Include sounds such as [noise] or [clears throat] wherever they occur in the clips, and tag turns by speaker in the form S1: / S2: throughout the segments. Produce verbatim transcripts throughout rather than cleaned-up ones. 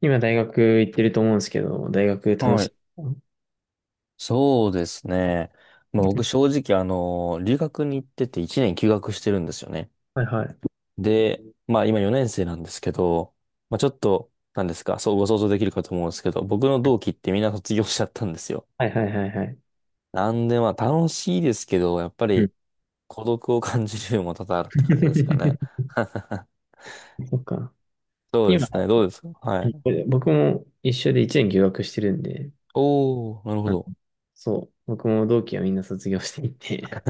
S1: 今大学行ってると思うんですけど、大学楽
S2: は
S1: し
S2: い。
S1: い？
S2: そうですね。まあ、僕正直、あの、留学に行ってていちねん休学してるんですよね。
S1: はいはい。
S2: で、まあ今よねん生なんですけど、まあちょっと、なんですか、そうご想像できるかと思うんですけど、僕の同期ってみんな卒業しちゃったんですよ。
S1: はいはいはいはい。
S2: なんでまあ楽しいですけど、やっぱ
S1: うん。
S2: り孤独を感じるのも多々あるって感じですかね。
S1: [laughs]。
S2: [laughs]
S1: そっか。
S2: そうで
S1: 今、
S2: すね。どうですか、はい。
S1: 僕も一緒でいちねん休学してるんで、
S2: おー、なるほ
S1: あ
S2: ど。
S1: そう、僕も同期はみんな卒業していて。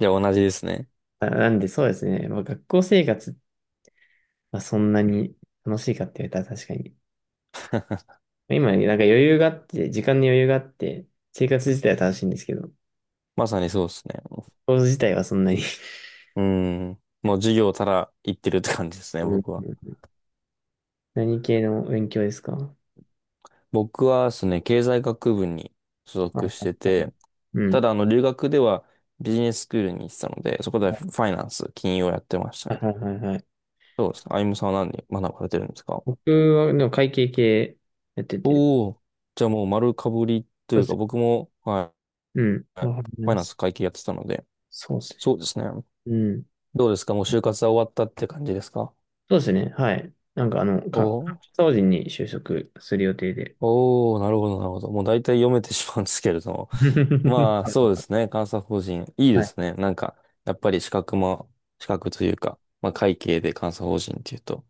S2: いや、同じですね。
S1: あなんでそうですね、まあ、学校生活はそんなに楽しいかって言われたら確かに。今、なんか余裕があって、時間に余裕があって、生活自体は楽しいんですけど、
S2: まさにそうですね。
S1: コース自体はそんなに。
S2: うん。もう授業たら行ってるって感じです
S1: [laughs]
S2: ね、
S1: う
S2: 僕は。
S1: ん。何系の勉強ですか？
S2: 僕はですね、経済学部に所
S1: は
S2: 属
S1: い
S2: し
S1: はい
S2: て
S1: はい。
S2: て、
S1: う
S2: た
S1: ん。
S2: だあの留学ではビジネススクールに行ってたので、そこでファイナンス、金融をやってました
S1: はい
S2: ね。
S1: はいはいはい。
S2: そうですね。あゆむさんは何に学ばれてるんですか？
S1: 僕は、でも会計系やってて。
S2: おおー、じゃあもう丸かぶりと
S1: そう
S2: いう
S1: です
S2: か、
S1: ね。
S2: 僕も、はい、
S1: うん。わかり
S2: ファ
S1: ま
S2: イナンス
S1: す。
S2: 会計やってたので、
S1: そうですね。
S2: そうですね。
S1: うん。
S2: どうですか、もう就活は終わったって感じですか？
S1: そうですね。はい。なんかあの、
S2: お
S1: か、
S2: おー、
S1: 法人に就職する予定で。
S2: おー、なるほど、なるほど。もう大体読めてしまうんですけれども。
S1: [laughs]
S2: まあ、
S1: は
S2: そうです
S1: い
S2: ね。監査法人。いい
S1: は
S2: で
S1: い。
S2: すね。なんか、やっぱり資格も、資格というか、まあ、会計で監査法人っていうと、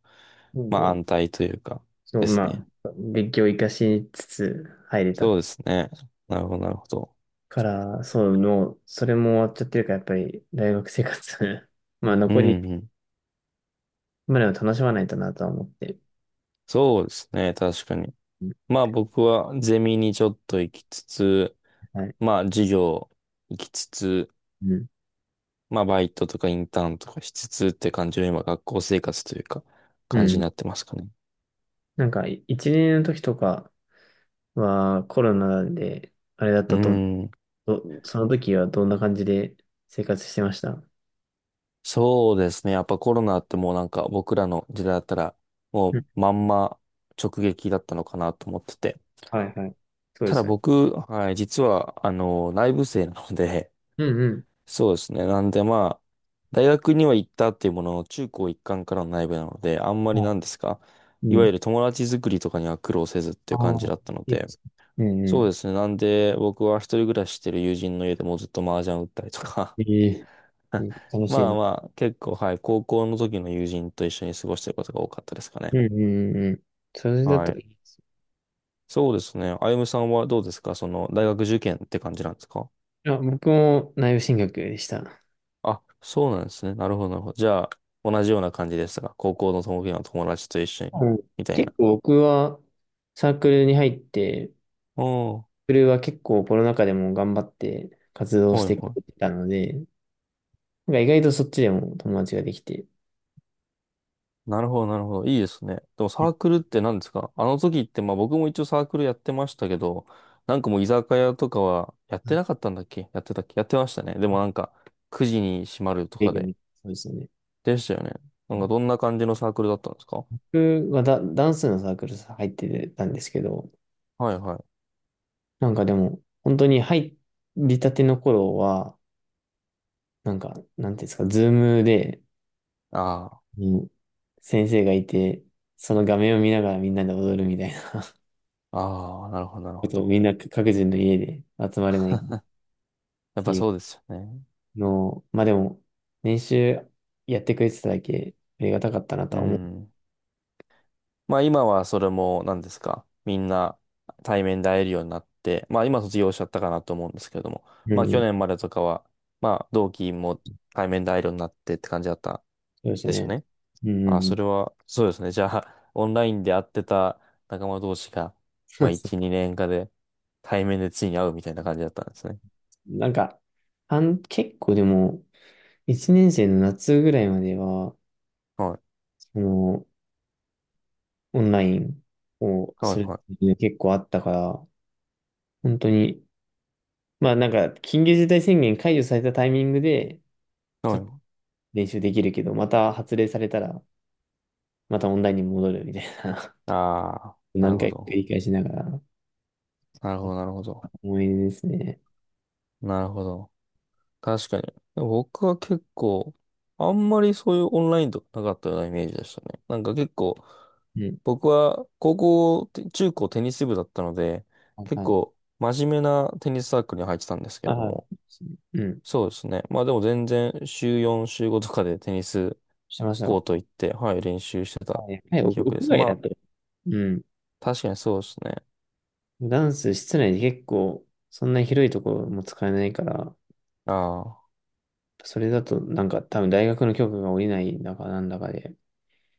S1: なん
S2: まあ、
S1: で、
S2: 安泰というか、
S1: そう、
S2: です
S1: ま
S2: ね。
S1: あ、勉強を活かしつつ入れた
S2: そうですね。なるほど、なるほど。
S1: から、そう、もう、それも終わっちゃってるから、やっぱり大学生活。 [laughs] まあ、
S2: うん
S1: 残り
S2: うん。
S1: までを楽しまないとなとは思って。
S2: そうですね。確かに。
S1: うん、
S2: まあ、僕はゼミにちょっと行きつつ、
S1: はい。
S2: まあ、授業行きつつ、
S1: うん。
S2: まあ、バイトとかインターンとかしつつって感じの今、学校生活というか、
S1: う
S2: 感じに
S1: ん。
S2: なってますかね。
S1: なんか、い一年の時とかはコロナで、あれだっ
S2: う
S1: たと思う。
S2: ん。
S1: どその時はどんな感じで生活してました？
S2: そうですね。やっぱコロナってもうなんか僕らの時代だったらも
S1: うん、
S2: うまんま直撃だったのかなと思ってて。
S1: はいはい。そうで
S2: ただ
S1: すよね。
S2: 僕、はい、実はあの内部生なので、[laughs]
S1: うん、
S2: そうですね。なんでまあ、大学には行ったっていうものの中高一貫からの内部なので、あんまり
S1: は
S2: な
S1: い、
S2: んですか、
S1: うん。
S2: い
S1: はい、う
S2: わ
S1: ん。
S2: ゆる友達作りとかには苦労せずってい
S1: あ
S2: う感じ
S1: あ、
S2: だったの
S1: いいで
S2: で、
S1: すね。うん
S2: そう
S1: う
S2: ですね。なんで僕は一人暮らししてる友人の家でもうずっと麻雀打ったりとか、
S1: ん。ええ、
S2: [laughs]
S1: う
S2: あ、
S1: ん、楽しい
S2: まあ
S1: な。
S2: まあ、結構、はい、高校の時の友人と一緒に過ごしてることが多かったですかね。
S1: うんうんうん。それだっ
S2: は
S1: たら
S2: い。
S1: いいです
S2: そうですね。あゆむさんはどうですか、その、大学受験って感じなんですか？
S1: よ。あ、僕も内部進学でした。
S2: あ、そうなんですね。なるほど、なるほど。じゃあ、同じような感じでしたが、高校の友達の友達と一緒に、
S1: うん。
S2: みたい
S1: 結
S2: な。
S1: 構僕はサークルに入って、サー
S2: おー、
S1: クルは結構コロナ禍でも頑張って活動し
S2: はい
S1: て
S2: は
S1: くれて
S2: い。
S1: たので、なんか意外とそっちでも友達ができて、
S2: なるほど、なるほど。いいですね。でもサークルって何ですか、あの時って、まあ僕も一応サークルやってましたけど、なんかもう居酒屋とかはやってなかったんだっけやってたっけ、やってましたね。でもなんか、くじに閉まると
S1: 営
S2: か
S1: 業
S2: で。
S1: みたいな、そうですよね。
S2: でしたよね。なんかどんな感じのサークルだったんですか？
S1: 僕はダ、ダンスのサークル入ってたんですけど、
S2: はいはい。
S1: なんかでも、本当に入りたての頃は、なんか、なんていうんですか、ズームで、
S2: あ
S1: うん、先生がいて、その画面を見ながらみんなで踊るみたいな
S2: あ、ああ、なるほど、なる
S1: こ
S2: ほ
S1: とを
S2: ど。
S1: みんな各自の家で集まれないっ
S2: やっ
S1: て
S2: ぱ
S1: いう
S2: そうですよね。
S1: のを、まあでも、練習やってくれてただけありがたかったなと
S2: う
S1: は思う。
S2: ん。まあ今はそれも何ですか。みんな対面で会えるようになって、まあ今卒業しちゃったかなと思うんですけれども、
S1: う
S2: まあ去
S1: ん、
S2: 年までとかは、まあ同期も対面で会えるようになってって感じだった
S1: そうです
S2: でしょう
S1: ね。
S2: ね。
S1: うん、う
S2: ああ、
S1: んう
S2: そ
S1: ん、
S2: れは、そうですね。じゃあ、オンラインで会ってた仲間同士が、
S1: そ
S2: まあ
S1: うですね。
S2: いち、にねんかで対面でついに会うみたいな感じだったんですね。
S1: なんか、あん、結構でも、いちねん生の夏ぐらいまでは、
S2: はい。
S1: その、オンラインを
S2: は
S1: す
S2: い
S1: る
S2: はい、
S1: っていう結構あったから、本当に、まあなんか、緊急事態宣言解除されたタイミングで、
S2: そ
S1: ち
S2: う
S1: ょっと
S2: よ、
S1: 練習できるけど、また発令されたら、またオンラインに戻るみたいな、
S2: ああ、
S1: [laughs]
S2: なる
S1: 何
S2: ほ
S1: 回か繰
S2: ど。
S1: り返しながら、
S2: なるほど、なるほど。
S1: 思い出ですね。
S2: なるほど。確かに。でも僕は結構、あんまりそういうオンラインとかなかったようなイメージでしたね。なんか結構、
S1: うん。
S2: 僕は高校、て中高テニス部だったので、
S1: はい
S2: 結
S1: はい。
S2: 構真面目なテニスサークルに入ってたんですけれど
S1: ああ、
S2: も。
S1: うん。
S2: そうですね。まあでも全然週よん、週ごとかでテニス
S1: してました
S2: コー
S1: よ。
S2: ト行って、はい、練習してた
S1: はい。はい、屋
S2: 記憶で
S1: 屋
S2: す。
S1: 外
S2: ま
S1: だと。
S2: あ、
S1: うん。
S2: 確かにそうですね。
S1: ダンス室内で結構、そんな広いところも使えないから、
S2: あ
S1: それだとなんか多分大学の許可が下りないんだかなんだかで、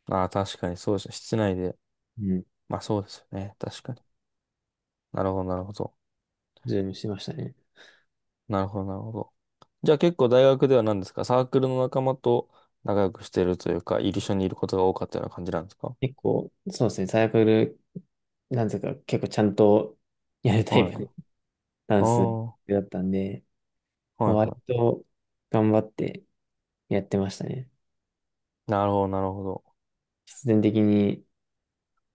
S2: あ、ああ、確かにそうですね。室内で。
S1: うん、
S2: まあそうですよね。確かに。なるほど、なるほど。
S1: ズームしてましたね。
S2: なるほど、なるほど。じゃあ結構大学では何ですか、サークルの仲間と仲良くしてるというか、一緒にいることが多かったような感じなんですか？
S1: 結構、そうですね、サークル、なんていうか結構ちゃんとやるタ
S2: は
S1: イプの
S2: い。
S1: [laughs] ダ
S2: あ
S1: ンス
S2: あ、は
S1: だったんで、
S2: い
S1: まあ割
S2: は
S1: と頑張ってやってましたね。
S2: い。なるほど、なるほど。
S1: 必然的に、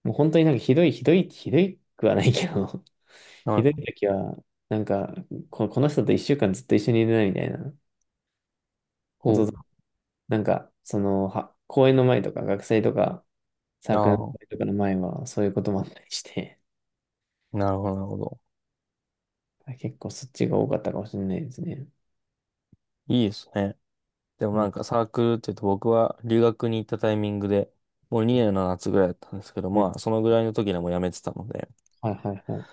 S1: もう本当になんかひどい、ひどい、ひどいくはないけど、[laughs]
S2: は
S1: ひどい
S2: い。
S1: 時は、なんかこ、この人と一週間ずっと一緒にいるなみたいな。こ
S2: お、
S1: と、なんか、その、は、公演の前とか、学祭とか、サークルの
S2: あ
S1: 会とかの前は、そういうこともあったりして、
S2: あ、なるほど、なるほど。
S1: [laughs] 結構そっちが多かったかもしれないですね。
S2: いいですね。でも
S1: うん、
S2: なんかサークルって言うと僕は留学に行ったタイミングで、もうにねんの夏ぐらいだったんですけど、
S1: うん。
S2: まあそのぐらいの時でもう辞めてたので、
S1: はいはいは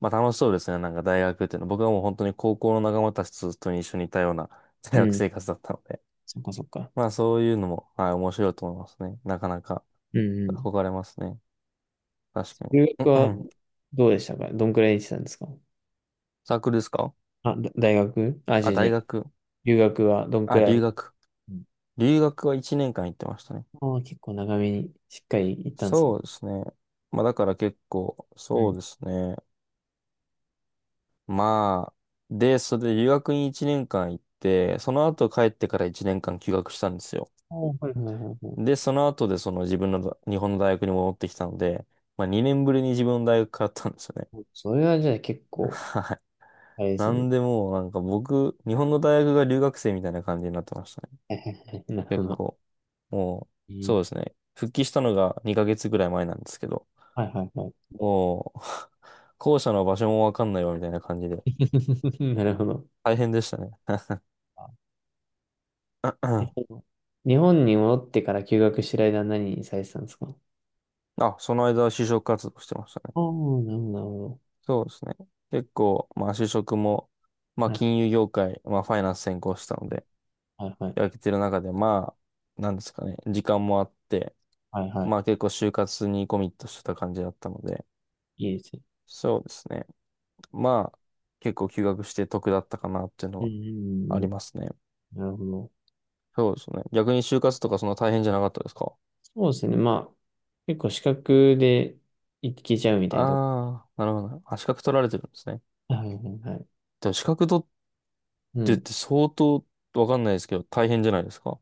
S2: まあ楽しそうですね。なんか大学っていうのは。僕はもう本当に高校の仲間たちと一緒にいたような、 [laughs]
S1: い。
S2: 大
S1: う
S2: 学生
S1: ん。
S2: 活だったので。
S1: そっかそっか。
S2: まあそういうのも、はい、面白いと思いますね。なかなか
S1: うんうん。
S2: 憧れますね。確かに。
S1: 留学
S2: うん
S1: は
S2: うん、
S1: どうでしたか？どんくらい行ってたんですか？
S2: サークルですか？
S1: あ、だ大学、あ、違
S2: あ、
S1: う違
S2: 大
S1: う。
S2: 学。
S1: 留学はどん
S2: あ、
S1: くら
S2: 留
S1: い？
S2: 学。
S1: うん。
S2: 留学はいちねんかん行ってましたね。
S1: ああ、結構長めにしっかり行ったんですね。
S2: そうですね。まあだから結構、
S1: う
S2: そう
S1: ん。
S2: ですね。まあ、で、それで留学にいちねんかん行って、その後帰ってからいちねんかん休学したんですよ。
S1: おー、はいはいはいは
S2: で、その後でその自分の日本の大学に戻ってきたので、まあにねんぶりに自分の大学通ったんですよね。
S1: い。それはじゃあ結
S2: [laughs]
S1: 構、
S2: はい。
S1: あれです
S2: な
S1: ね。
S2: んでもうなんか僕、日本の大学が留学生みたいな感じになってましたね。
S1: [laughs] はいはいはい、なるほ
S2: 結
S1: ど。
S2: 構。も
S1: え
S2: う、
S1: ー、
S2: そうですね。復帰したのがにかげつぐらい前なんですけど、
S1: はいはいはい。
S2: もう、[laughs] 校舎の場所もわかんないわみたいな感じで、
S1: [laughs] なるほど。
S2: 大変でしたね。
S1: あ、
S2: [clears throat]
S1: えっ
S2: あ、
S1: と、日本に戻ってから休学してる間は何にされてたんですか？
S2: その間は就職活動してましたね。
S1: ああ、なるほど、なるほど。
S2: そうですね。結構、まあ就職も、まあ
S1: はい
S2: 金融業界、まあファイナンス専攻したので、
S1: はいはい。
S2: 空けてる中で、まあ、なんですかね、時間もあって、
S1: はいはい。
S2: まあ結構就活にコミットしてた感じだったので、
S1: いいですね。
S2: そうですね。まあ、結構休学して得だったかなっていうの
S1: うん
S2: はありますね。
S1: うんうん、なるほど。
S2: そうですね。逆に就活とかそんな大変じゃなかったですか？
S1: そうですね。まあ、結構資格でいけちゃうみたいなとこ。
S2: ああー、なるほどね。あ、資格取られてるんですね。
S1: はいはいはい。
S2: でも資格取っ
S1: う
S2: てっ
S1: ん。
S2: て相当わかんないですけど、大変じゃないですか、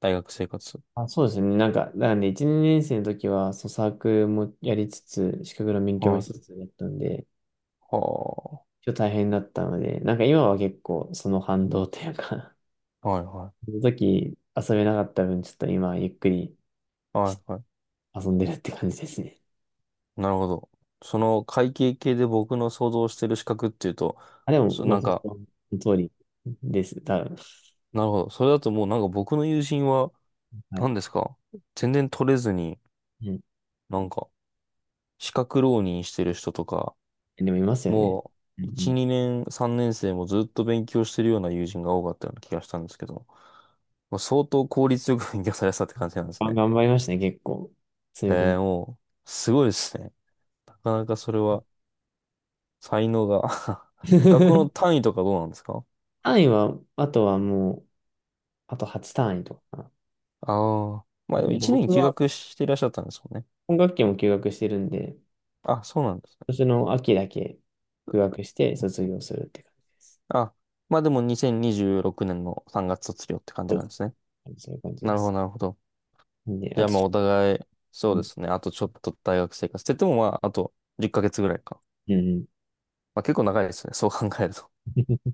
S2: 大学生活。
S1: あ、そうですね。なんか、なんで、いち、年生の時は、そう、サークルもやりつつ、資格の勉強
S2: は
S1: もし
S2: い。
S1: つつだったんで、
S2: は
S1: ちょっと大変だったので、なんか今は結構その反動というか
S2: あ。はいは
S1: その時遊べなかった分、ちょっと今ゆっくり
S2: い。はいはい。
S1: 遊んでるって感じですね。
S2: なるほど。その会計系で僕の想像してる資格っていうと、
S1: あ、でも、
S2: そう、
S1: ご
S2: なん
S1: 想
S2: か、
S1: 像の通りです。多分。
S2: なるほど。それだともうなんか僕の友人は、
S1: はい。
S2: 何ですか、全然取れずに、
S1: うん。
S2: なんか、資格浪人してる人とか、
S1: でもいますよね。
S2: も
S1: う
S2: う、いち、
S1: ん
S2: にねん、さんねん生もずっと勉強してるような友人が多かったような気がしたんですけど、まあ、相当効率よく勉強されてたって
S1: うん。
S2: 感じなんです
S1: あ、
S2: ね。
S1: 頑張りましたね、結構。そうい
S2: へ
S1: うこと。
S2: え、もう、すごいですね。なかなかそれは、才能が。 [laughs] 学校の
S1: [laughs]
S2: 単位とかどうなんですか？
S1: 単位は、あとはもう、あとはち単位とかかな。
S2: ああ。まあ
S1: う
S2: で
S1: ん
S2: も
S1: でも
S2: いちねん
S1: 僕
S2: 休
S1: は
S2: 学していらっしゃったんですもんね。
S1: 今学期も休学してるんで、今
S2: あ、そうなんですね。
S1: 年の秋だけ休学して卒業するって感じです。
S2: あ、まあでもにせんにじゅうろくねんのさんがつ卒業って感
S1: そ
S2: じ
S1: う
S2: な
S1: で
S2: んですね。
S1: す、そういう感じ
S2: な
S1: で
S2: るほど、
S1: す。
S2: なるほど。
S1: で、
S2: じ
S1: あ
S2: ゃあ
S1: と
S2: まあ
S1: ち
S2: お互い、そう
S1: ょっ
S2: で
S1: と、
S2: すね。あとちょっと大学生活って言ってもまああとじゅっかげつぐらいか。
S1: うん
S2: まあ結構長いですね。そう考えると。
S1: うん。